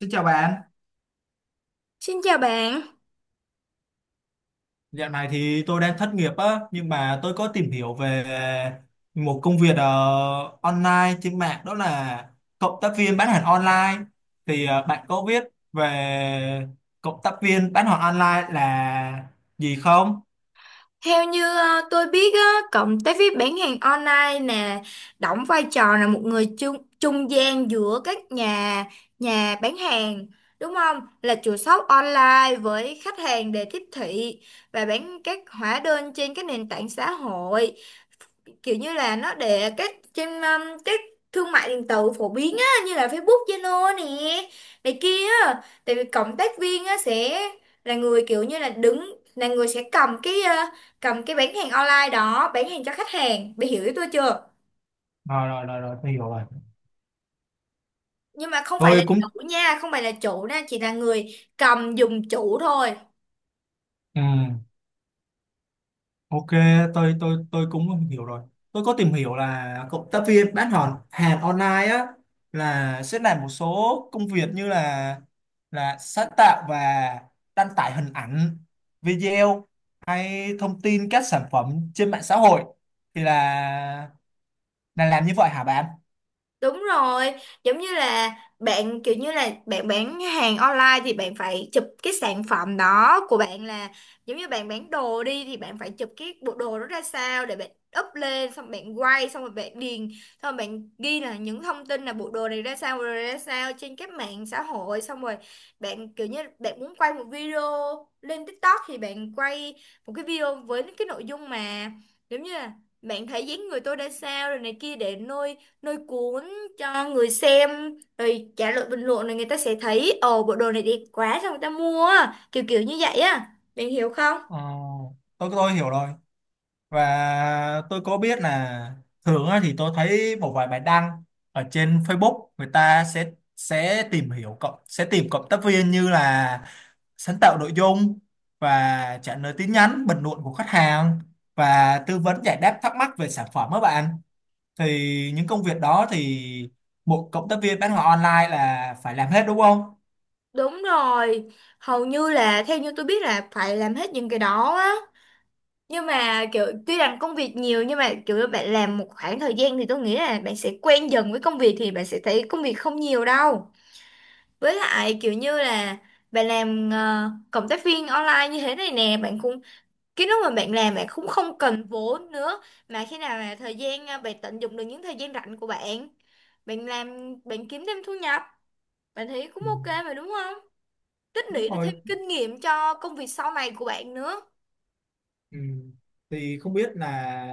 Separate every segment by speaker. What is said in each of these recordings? Speaker 1: Xin chào bạn.
Speaker 2: Xin chào bạn.
Speaker 1: Dạo này thì tôi đang thất nghiệp á, nhưng mà tôi có tìm hiểu về một công việc online trên mạng, đó là cộng tác viên bán hàng online. Thì bạn có biết về cộng tác viên bán hàng online là gì không?
Speaker 2: Theo như tôi biết á, cộng tác viên bán hàng online nè đóng vai trò là một người trung trung gian giữa các nhà nhà bán hàng đúng không? Là chủ shop online với khách hàng để tiếp thị và bán các hóa đơn trên các nền tảng xã hội. Kiểu như là nó để các trên các thương mại điện tử phổ biến á như là Facebook, Zalo nè này kia á, tại vì cộng tác viên á sẽ là người kiểu như là đứng là người sẽ cầm cầm cái bán hàng online đó bán hàng cho khách hàng bị hiểu ý tôi chưa.
Speaker 1: Rồi rồi rồi rồi, tôi hiểu rồi.
Speaker 2: Nhưng mà không phải là
Speaker 1: Tôi
Speaker 2: chủ
Speaker 1: cũng
Speaker 2: nha, không phải là chủ nha, chỉ là người cầm dùng chủ thôi.
Speaker 1: ừ. Ok, tôi cũng hiểu rồi. Tôi có tìm hiểu là cộng tác viên bán hàng hàng online á, là sẽ làm một số công việc như là sáng tạo và đăng tải hình ảnh, video hay thông tin các sản phẩm trên mạng xã hội, thì là làm như vậy hả bạn?
Speaker 2: Đúng rồi, giống như là bạn kiểu như là bạn bán hàng online thì bạn phải chụp cái sản phẩm đó của bạn, là giống như bạn bán đồ đi thì bạn phải chụp cái bộ đồ đó ra sao để bạn up lên, xong bạn quay, xong rồi bạn điền, xong rồi bạn ghi là những thông tin là bộ đồ này ra sao, bộ đồ này ra sao trên các mạng xã hội. Xong rồi bạn kiểu như bạn muốn quay một video lên TikTok thì bạn quay một cái video với cái nội dung mà giống như là bạn thấy dáng người tôi ra sao rồi này kia để nuôi nuôi cuốn cho người xem, rồi trả lời bình luận rồi người ta sẽ thấy "Ồ, bộ đồ này đẹp quá, sao người ta mua á?" Kiểu kiểu như vậy á, bạn hiểu không.
Speaker 1: Ờ, tôi hiểu rồi. Và tôi có biết là thường á, thì tôi thấy một vài bài đăng ở trên Facebook người ta sẽ tìm hiểu cộng sẽ tìm cộng tác viên như là sáng tạo nội dung và trả lời tin nhắn bình luận của khách hàng và tư vấn giải đáp thắc mắc về sản phẩm các bạn, thì những công việc đó thì một cộng tác viên bán hàng online là phải làm hết đúng không?
Speaker 2: Đúng rồi, hầu như là theo như tôi biết là phải làm hết những cái đó á, nhưng mà kiểu tuy rằng công việc nhiều nhưng mà kiểu bạn làm một khoảng thời gian thì tôi nghĩ là bạn sẽ quen dần với công việc thì bạn sẽ thấy công việc không nhiều đâu. Với lại kiểu như là bạn làm cộng tác viên online như thế này nè, bạn cũng cái lúc mà bạn làm bạn cũng không cần vốn nữa, mà khi nào là bạn tận dụng được những thời gian rảnh của bạn, bạn làm bạn kiếm thêm thu nhập, bạn thấy cũng
Speaker 1: Ừ.
Speaker 2: ok mà đúng không, tích
Speaker 1: Đúng
Speaker 2: lũy được
Speaker 1: rồi.
Speaker 2: thêm kinh nghiệm cho công việc sau này của bạn nữa.
Speaker 1: Ừ. Thì không biết là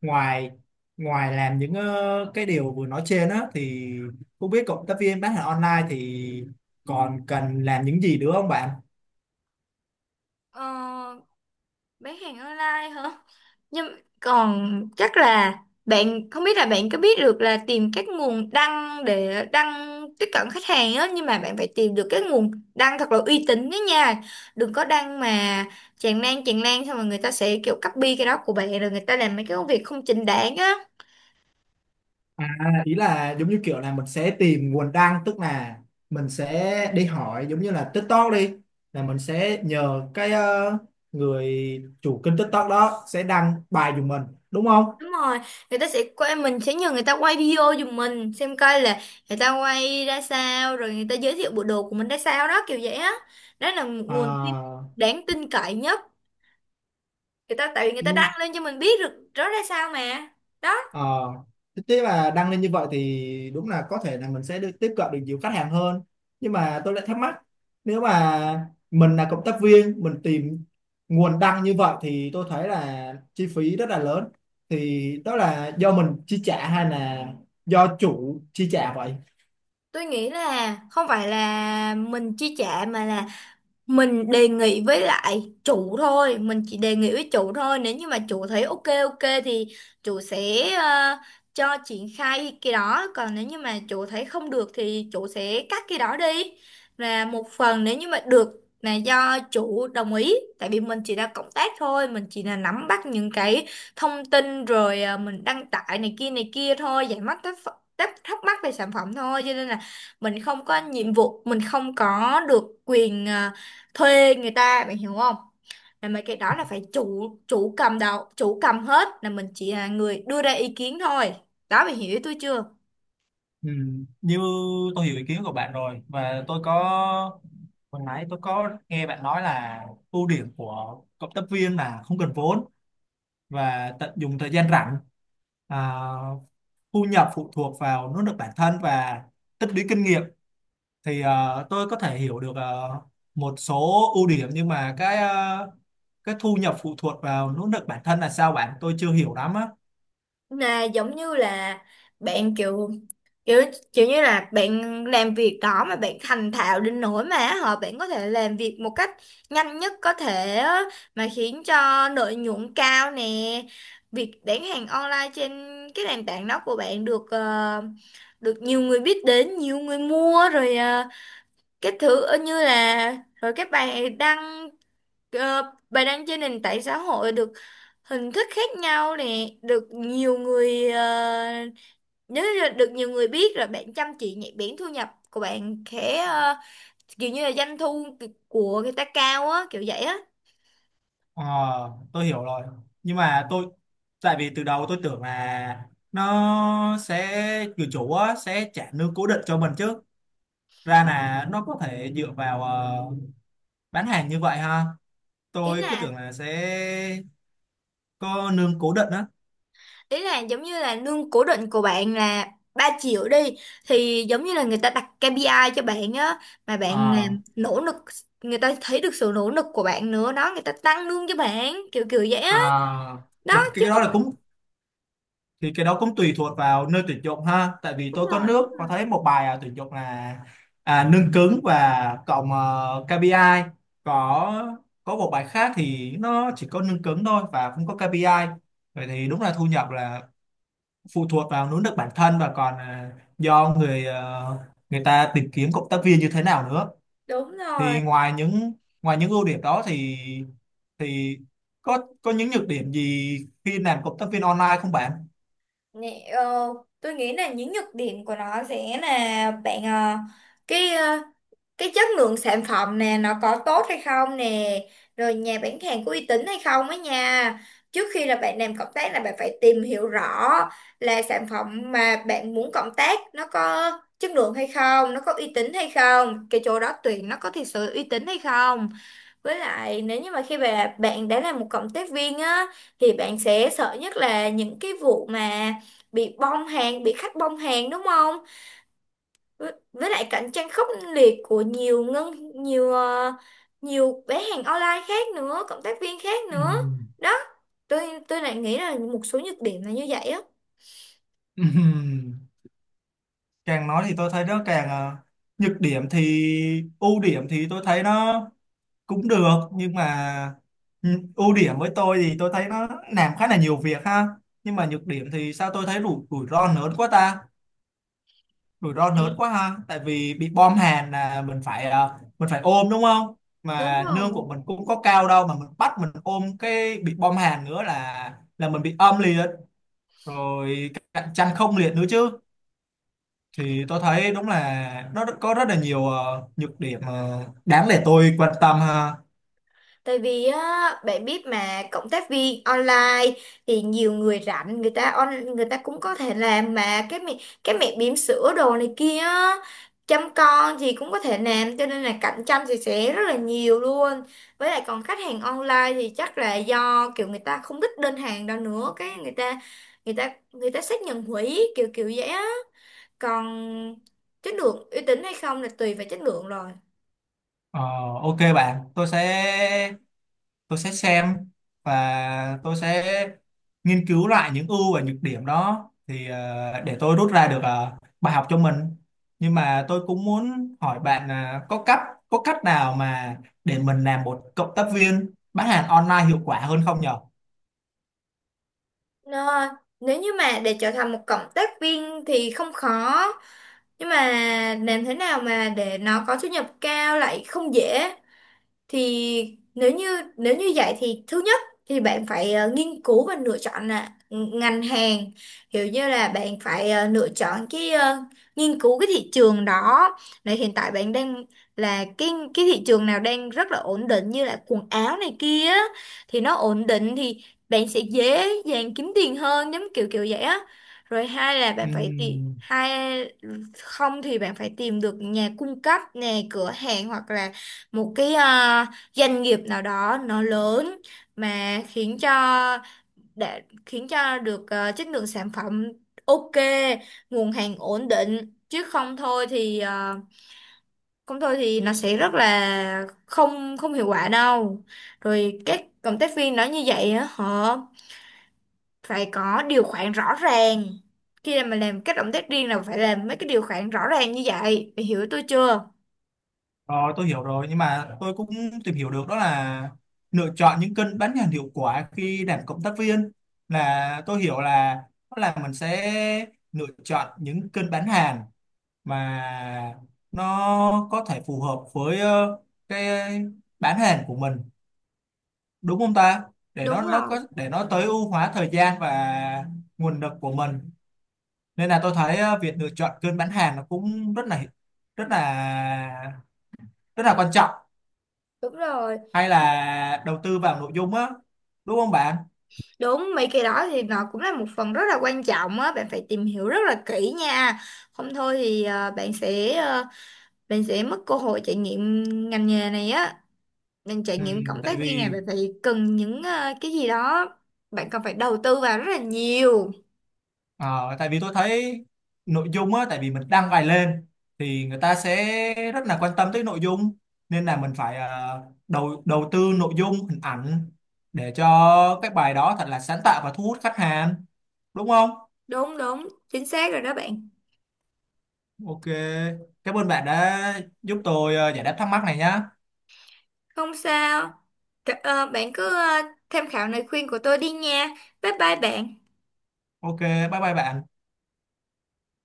Speaker 1: ngoài ngoài làm những cái điều vừa nói trên á, thì không biết cộng tác viên bán hàng online thì còn cần làm những gì nữa không bạn?
Speaker 2: ờ, bán hàng online hả. Nhưng còn chắc là bạn không biết là bạn có biết được là tìm các nguồn đăng để đăng tiếp cận khách hàng á, nhưng mà bạn phải tìm được cái nguồn đăng thật là uy tín đó nha. Đừng có đăng mà tràn lan, xong rồi người ta sẽ kiểu copy cái đó của bạn rồi người ta làm mấy cái công việc không chính đáng á.
Speaker 1: À, ý là giống như kiểu là mình sẽ tìm nguồn đăng, tức là mình sẽ đi hỏi giống như là TikTok đi, là mình sẽ nhờ cái người chủ kênh TikTok đó sẽ đăng bài giùm mình đúng không?
Speaker 2: Đúng rồi, người ta sẽ quay, mình sẽ nhờ người ta quay video giùm mình xem coi là người ta quay ra sao rồi người ta giới thiệu bộ đồ của mình ra sao đó, kiểu vậy á. Đó là một nguồn tin
Speaker 1: À,
Speaker 2: đáng tin cậy nhất, người ta tại vì người ta
Speaker 1: ừ,
Speaker 2: đăng lên cho mình biết được đó ra sao mà, đó.
Speaker 1: ờ, thế thế mà đăng lên như vậy thì đúng là có thể là mình sẽ được tiếp cận được nhiều khách hàng hơn, nhưng mà tôi lại thắc mắc, nếu mà mình là cộng tác viên mình tìm nguồn đăng như vậy thì tôi thấy là chi phí rất là lớn, thì đó là do mình chi trả hay là do chủ chi trả vậy?
Speaker 2: Tôi nghĩ là không phải là mình chi trả mà là mình đề nghị với lại chủ thôi, mình chỉ đề nghị với chủ thôi, nếu như mà chủ thấy ok ok thì chủ sẽ cho triển khai cái đó, còn nếu như mà chủ thấy không được thì chủ sẽ cắt cái đó đi. Và một phần nếu như mà được là do chủ đồng ý, tại vì mình chỉ là cộng tác thôi, mình chỉ là nắm bắt những cái thông tin rồi mình đăng tải này kia thôi, giải mắc thắc thắc mắc về sản phẩm thôi, cho nên là mình không có nhiệm vụ, mình không có được quyền thuê người ta, bạn hiểu không. Là mấy cái đó là phải chủ chủ cầm đầu, chủ cầm hết, là mình chỉ là người đưa ra ý kiến thôi, đó bạn hiểu ý tôi chưa.
Speaker 1: Ừ, như tôi hiểu ý kiến của bạn rồi. Và tôi có hồi nãy tôi có nghe bạn nói là ưu điểm của cộng tác viên là không cần vốn và tận dụng thời gian rảnh, à, thu nhập phụ thuộc vào nỗ lực bản thân và tích lũy kinh nghiệm, thì tôi có thể hiểu được một số ưu điểm, nhưng mà cái cái thu nhập phụ thuộc vào nỗ lực bản thân là sao bạn, tôi chưa hiểu lắm á.
Speaker 2: Là giống như là bạn kiểu kiểu kiểu như là bạn làm việc đó mà bạn thành thạo đến nỗi mà họ bạn có thể làm việc một cách nhanh nhất có thể á, mà khiến cho lợi nhuận cao nè, việc bán hàng online trên cái nền tảng đó của bạn được được nhiều người biết đến, nhiều người mua rồi cái như là rồi các bài đăng bài đăng trên nền tảng xã hội được hình thức khác nhau nè được nhiều người, nếu như là được nhiều người biết rồi bạn chăm chỉ nhạy bén, thu nhập của bạn kiểu như là doanh thu của người ta cao á, kiểu vậy á.
Speaker 1: Ờ, tôi hiểu rồi, nhưng mà tôi tại vì từ đầu tôi tưởng là nó sẽ người chủ á, sẽ trả lương cố định cho mình chứ, ra là nó có thể dựa vào bán hàng như vậy ha,
Speaker 2: ý
Speaker 1: tôi
Speaker 2: là
Speaker 1: cứ tưởng là sẽ có nương cố định á.
Speaker 2: ý là giống như là lương cố định của bạn là 3 triệu đi, thì giống như là người ta đặt KPI cho bạn á, mà bạn
Speaker 1: À.
Speaker 2: làm nỗ lực, người ta thấy được sự nỗ lực của bạn nữa đó, người ta tăng lương cho bạn kiểu kiểu vậy á,
Speaker 1: À.
Speaker 2: đó chứ
Speaker 1: Cái đó
Speaker 2: không.
Speaker 1: là cũng thì cái đó cũng tùy thuộc vào nơi tuyển dụng ha, tại vì
Speaker 2: Đúng
Speaker 1: tôi có
Speaker 2: rồi.
Speaker 1: nước có thấy một bài tuyển dụng là nương cứng và cộng KPI. có có một bài khác thì nó chỉ có nương cứng thôi và không có KPI. Vậy thì đúng là thu nhập là phụ thuộc vào nỗ lực bản thân và còn do người ta tìm kiếm cộng tác viên như thế nào nữa.
Speaker 2: Đúng rồi.
Speaker 1: Thì ngoài những ưu điểm đó thì thì có những nhược điểm gì khi làm cộng tác viên online không bạn?
Speaker 2: Nè, tôi nghĩ là những nhược điểm của nó sẽ là cái ờ, cái chất lượng sản phẩm nè nó có tốt hay không nè, rồi nhà bán hàng có uy tín hay không á nha. Trước khi là bạn làm cộng tác là bạn phải tìm hiểu rõ là sản phẩm mà bạn muốn cộng tác nó có chất lượng hay không, nó có uy tín hay không, cái chỗ đó tuyển nó có thực sự uy tín hay không. Với lại nếu như mà khi mà bạn đã là một cộng tác viên á thì bạn sẽ sợ nhất là những cái vụ mà bị bong hàng, bị khách bong hàng đúng không, với lại cạnh tranh khốc liệt của nhiều ngân nhiều nhiều bán hàng online khác nữa, cộng tác viên khác nữa,
Speaker 1: Ừm.
Speaker 2: đó. Tôi lại nghĩ là một số nhược điểm là như vậy á.
Speaker 1: Ừm. Càng nói thì tôi thấy nó càng nhược điểm, thì ưu điểm thì tôi thấy nó cũng được, nhưng mà ưu điểm với tôi thì tôi thấy nó làm khá là nhiều việc ha, nhưng mà nhược điểm thì sao tôi thấy rủi rủi ro lớn quá ta. Rủi ro lớn quá ha, tại vì bị bom hàn là mình phải mình phải ôm đúng không,
Speaker 2: Đúng
Speaker 1: mà nương
Speaker 2: rồi.
Speaker 1: của mình cũng có cao đâu mà mình bắt mình ôm cái bị bom hàn nữa là mình bị âm liệt, rồi cạnh tranh không liệt nữa chứ, thì tôi thấy đúng là nó có rất là nhiều nhược điểm đáng để tôi quan tâm ha.
Speaker 2: Tại vì á, bạn biết mà cộng tác viên online thì nhiều người rảnh người ta on người ta cũng có thể làm, mà cái cái mẹ bỉm sữa đồ này kia á, chăm con thì cũng có thể làm, cho nên là cạnh tranh thì sẽ rất là nhiều luôn. Với lại còn khách hàng online thì chắc là do kiểu người ta không thích đơn hàng đâu nữa, cái người ta người ta xác nhận hủy kiểu kiểu vậy á. Còn chất lượng uy tín hay không là tùy vào chất lượng rồi.
Speaker 1: Ờ, ok bạn, tôi sẽ xem và tôi sẽ nghiên cứu lại những ưu và nhược điểm đó, thì để tôi rút ra được bài học cho mình. Nhưng mà tôi cũng muốn hỏi bạn là có cách nào mà để mình làm một cộng tác viên bán hàng online hiệu quả hơn không nhở?
Speaker 2: Nó, ơi, nếu như mà để trở thành một cộng tác viên thì không khó, nhưng mà làm thế nào mà để nó có thu nhập cao lại không dễ. Thì nếu như vậy thì thứ nhất thì bạn phải nghiên cứu và lựa chọn là ngành hàng, kiểu như là bạn phải lựa chọn nghiên cứu cái thị trường đó, này hiện tại bạn đang là cái thị trường nào đang rất là ổn định, như là quần áo này kia á, thì nó ổn định thì bạn sẽ dễ dàng kiếm tiền hơn, giống kiểu kiểu vậy á. Rồi hai là bạn phải tìm
Speaker 1: Ừm,
Speaker 2: hai, không thì bạn phải tìm được nhà cung cấp nè, cửa hàng hoặc là một doanh nghiệp nào đó nó lớn, mà khiến cho để khiến cho được chất lượng sản phẩm ok, nguồn hàng ổn định, chứ không thôi thì không thôi thì nó sẽ rất là không không hiệu quả đâu. Rồi các cộng tác viên nói như vậy á họ phải có điều khoản rõ ràng, khi mà làm các động tác riêng là phải làm mấy cái điều khoản rõ ràng như vậy, mày hiểu tôi chưa.
Speaker 1: rồi tôi hiểu rồi, nhưng mà tôi cũng tìm hiểu được đó là lựa chọn những kênh bán hàng hiệu quả khi làm cộng tác viên, là tôi hiểu là mình sẽ lựa chọn những kênh bán hàng và nó có thể phù hợp với cái bán hàng của mình đúng không ta, để
Speaker 2: Đúng
Speaker 1: nó
Speaker 2: rồi.
Speaker 1: có để nó tối ưu hóa thời gian và nguồn lực của mình, nên là tôi thấy việc lựa chọn kênh bán hàng nó cũng rất là rất là quan trọng,
Speaker 2: Đúng rồi.
Speaker 1: hay là đầu tư vào nội dung á, đúng không bạn?
Speaker 2: Đúng, mấy cái đó thì nó cũng là một phần rất là quan trọng á, bạn phải tìm hiểu rất là kỹ nha. Không thôi thì bạn sẽ mất cơ hội trải nghiệm ngành nghề này á. Mình trải
Speaker 1: Ừ,
Speaker 2: nghiệm cộng
Speaker 1: tại
Speaker 2: tác viên này
Speaker 1: vì
Speaker 2: bạn phải cần những cái gì đó, bạn cần phải đầu tư vào rất là nhiều.
Speaker 1: ờ, tại vì tôi thấy nội dung á, tại vì mình đăng bài lên thì người ta sẽ rất là quan tâm tới nội dung, nên là mình phải đầu đầu tư nội dung hình ảnh để cho cái bài đó thật là sáng tạo và thu hút khách hàng đúng không?
Speaker 2: Đúng đúng, chính xác rồi đó bạn.
Speaker 1: Ok, cảm ơn bạn đã giúp tôi giải đáp thắc mắc này nhá.
Speaker 2: Không sao. Bạn cứ tham khảo lời khuyên của tôi đi nha. Bye bye bạn.
Speaker 1: Ok, bye bye bạn.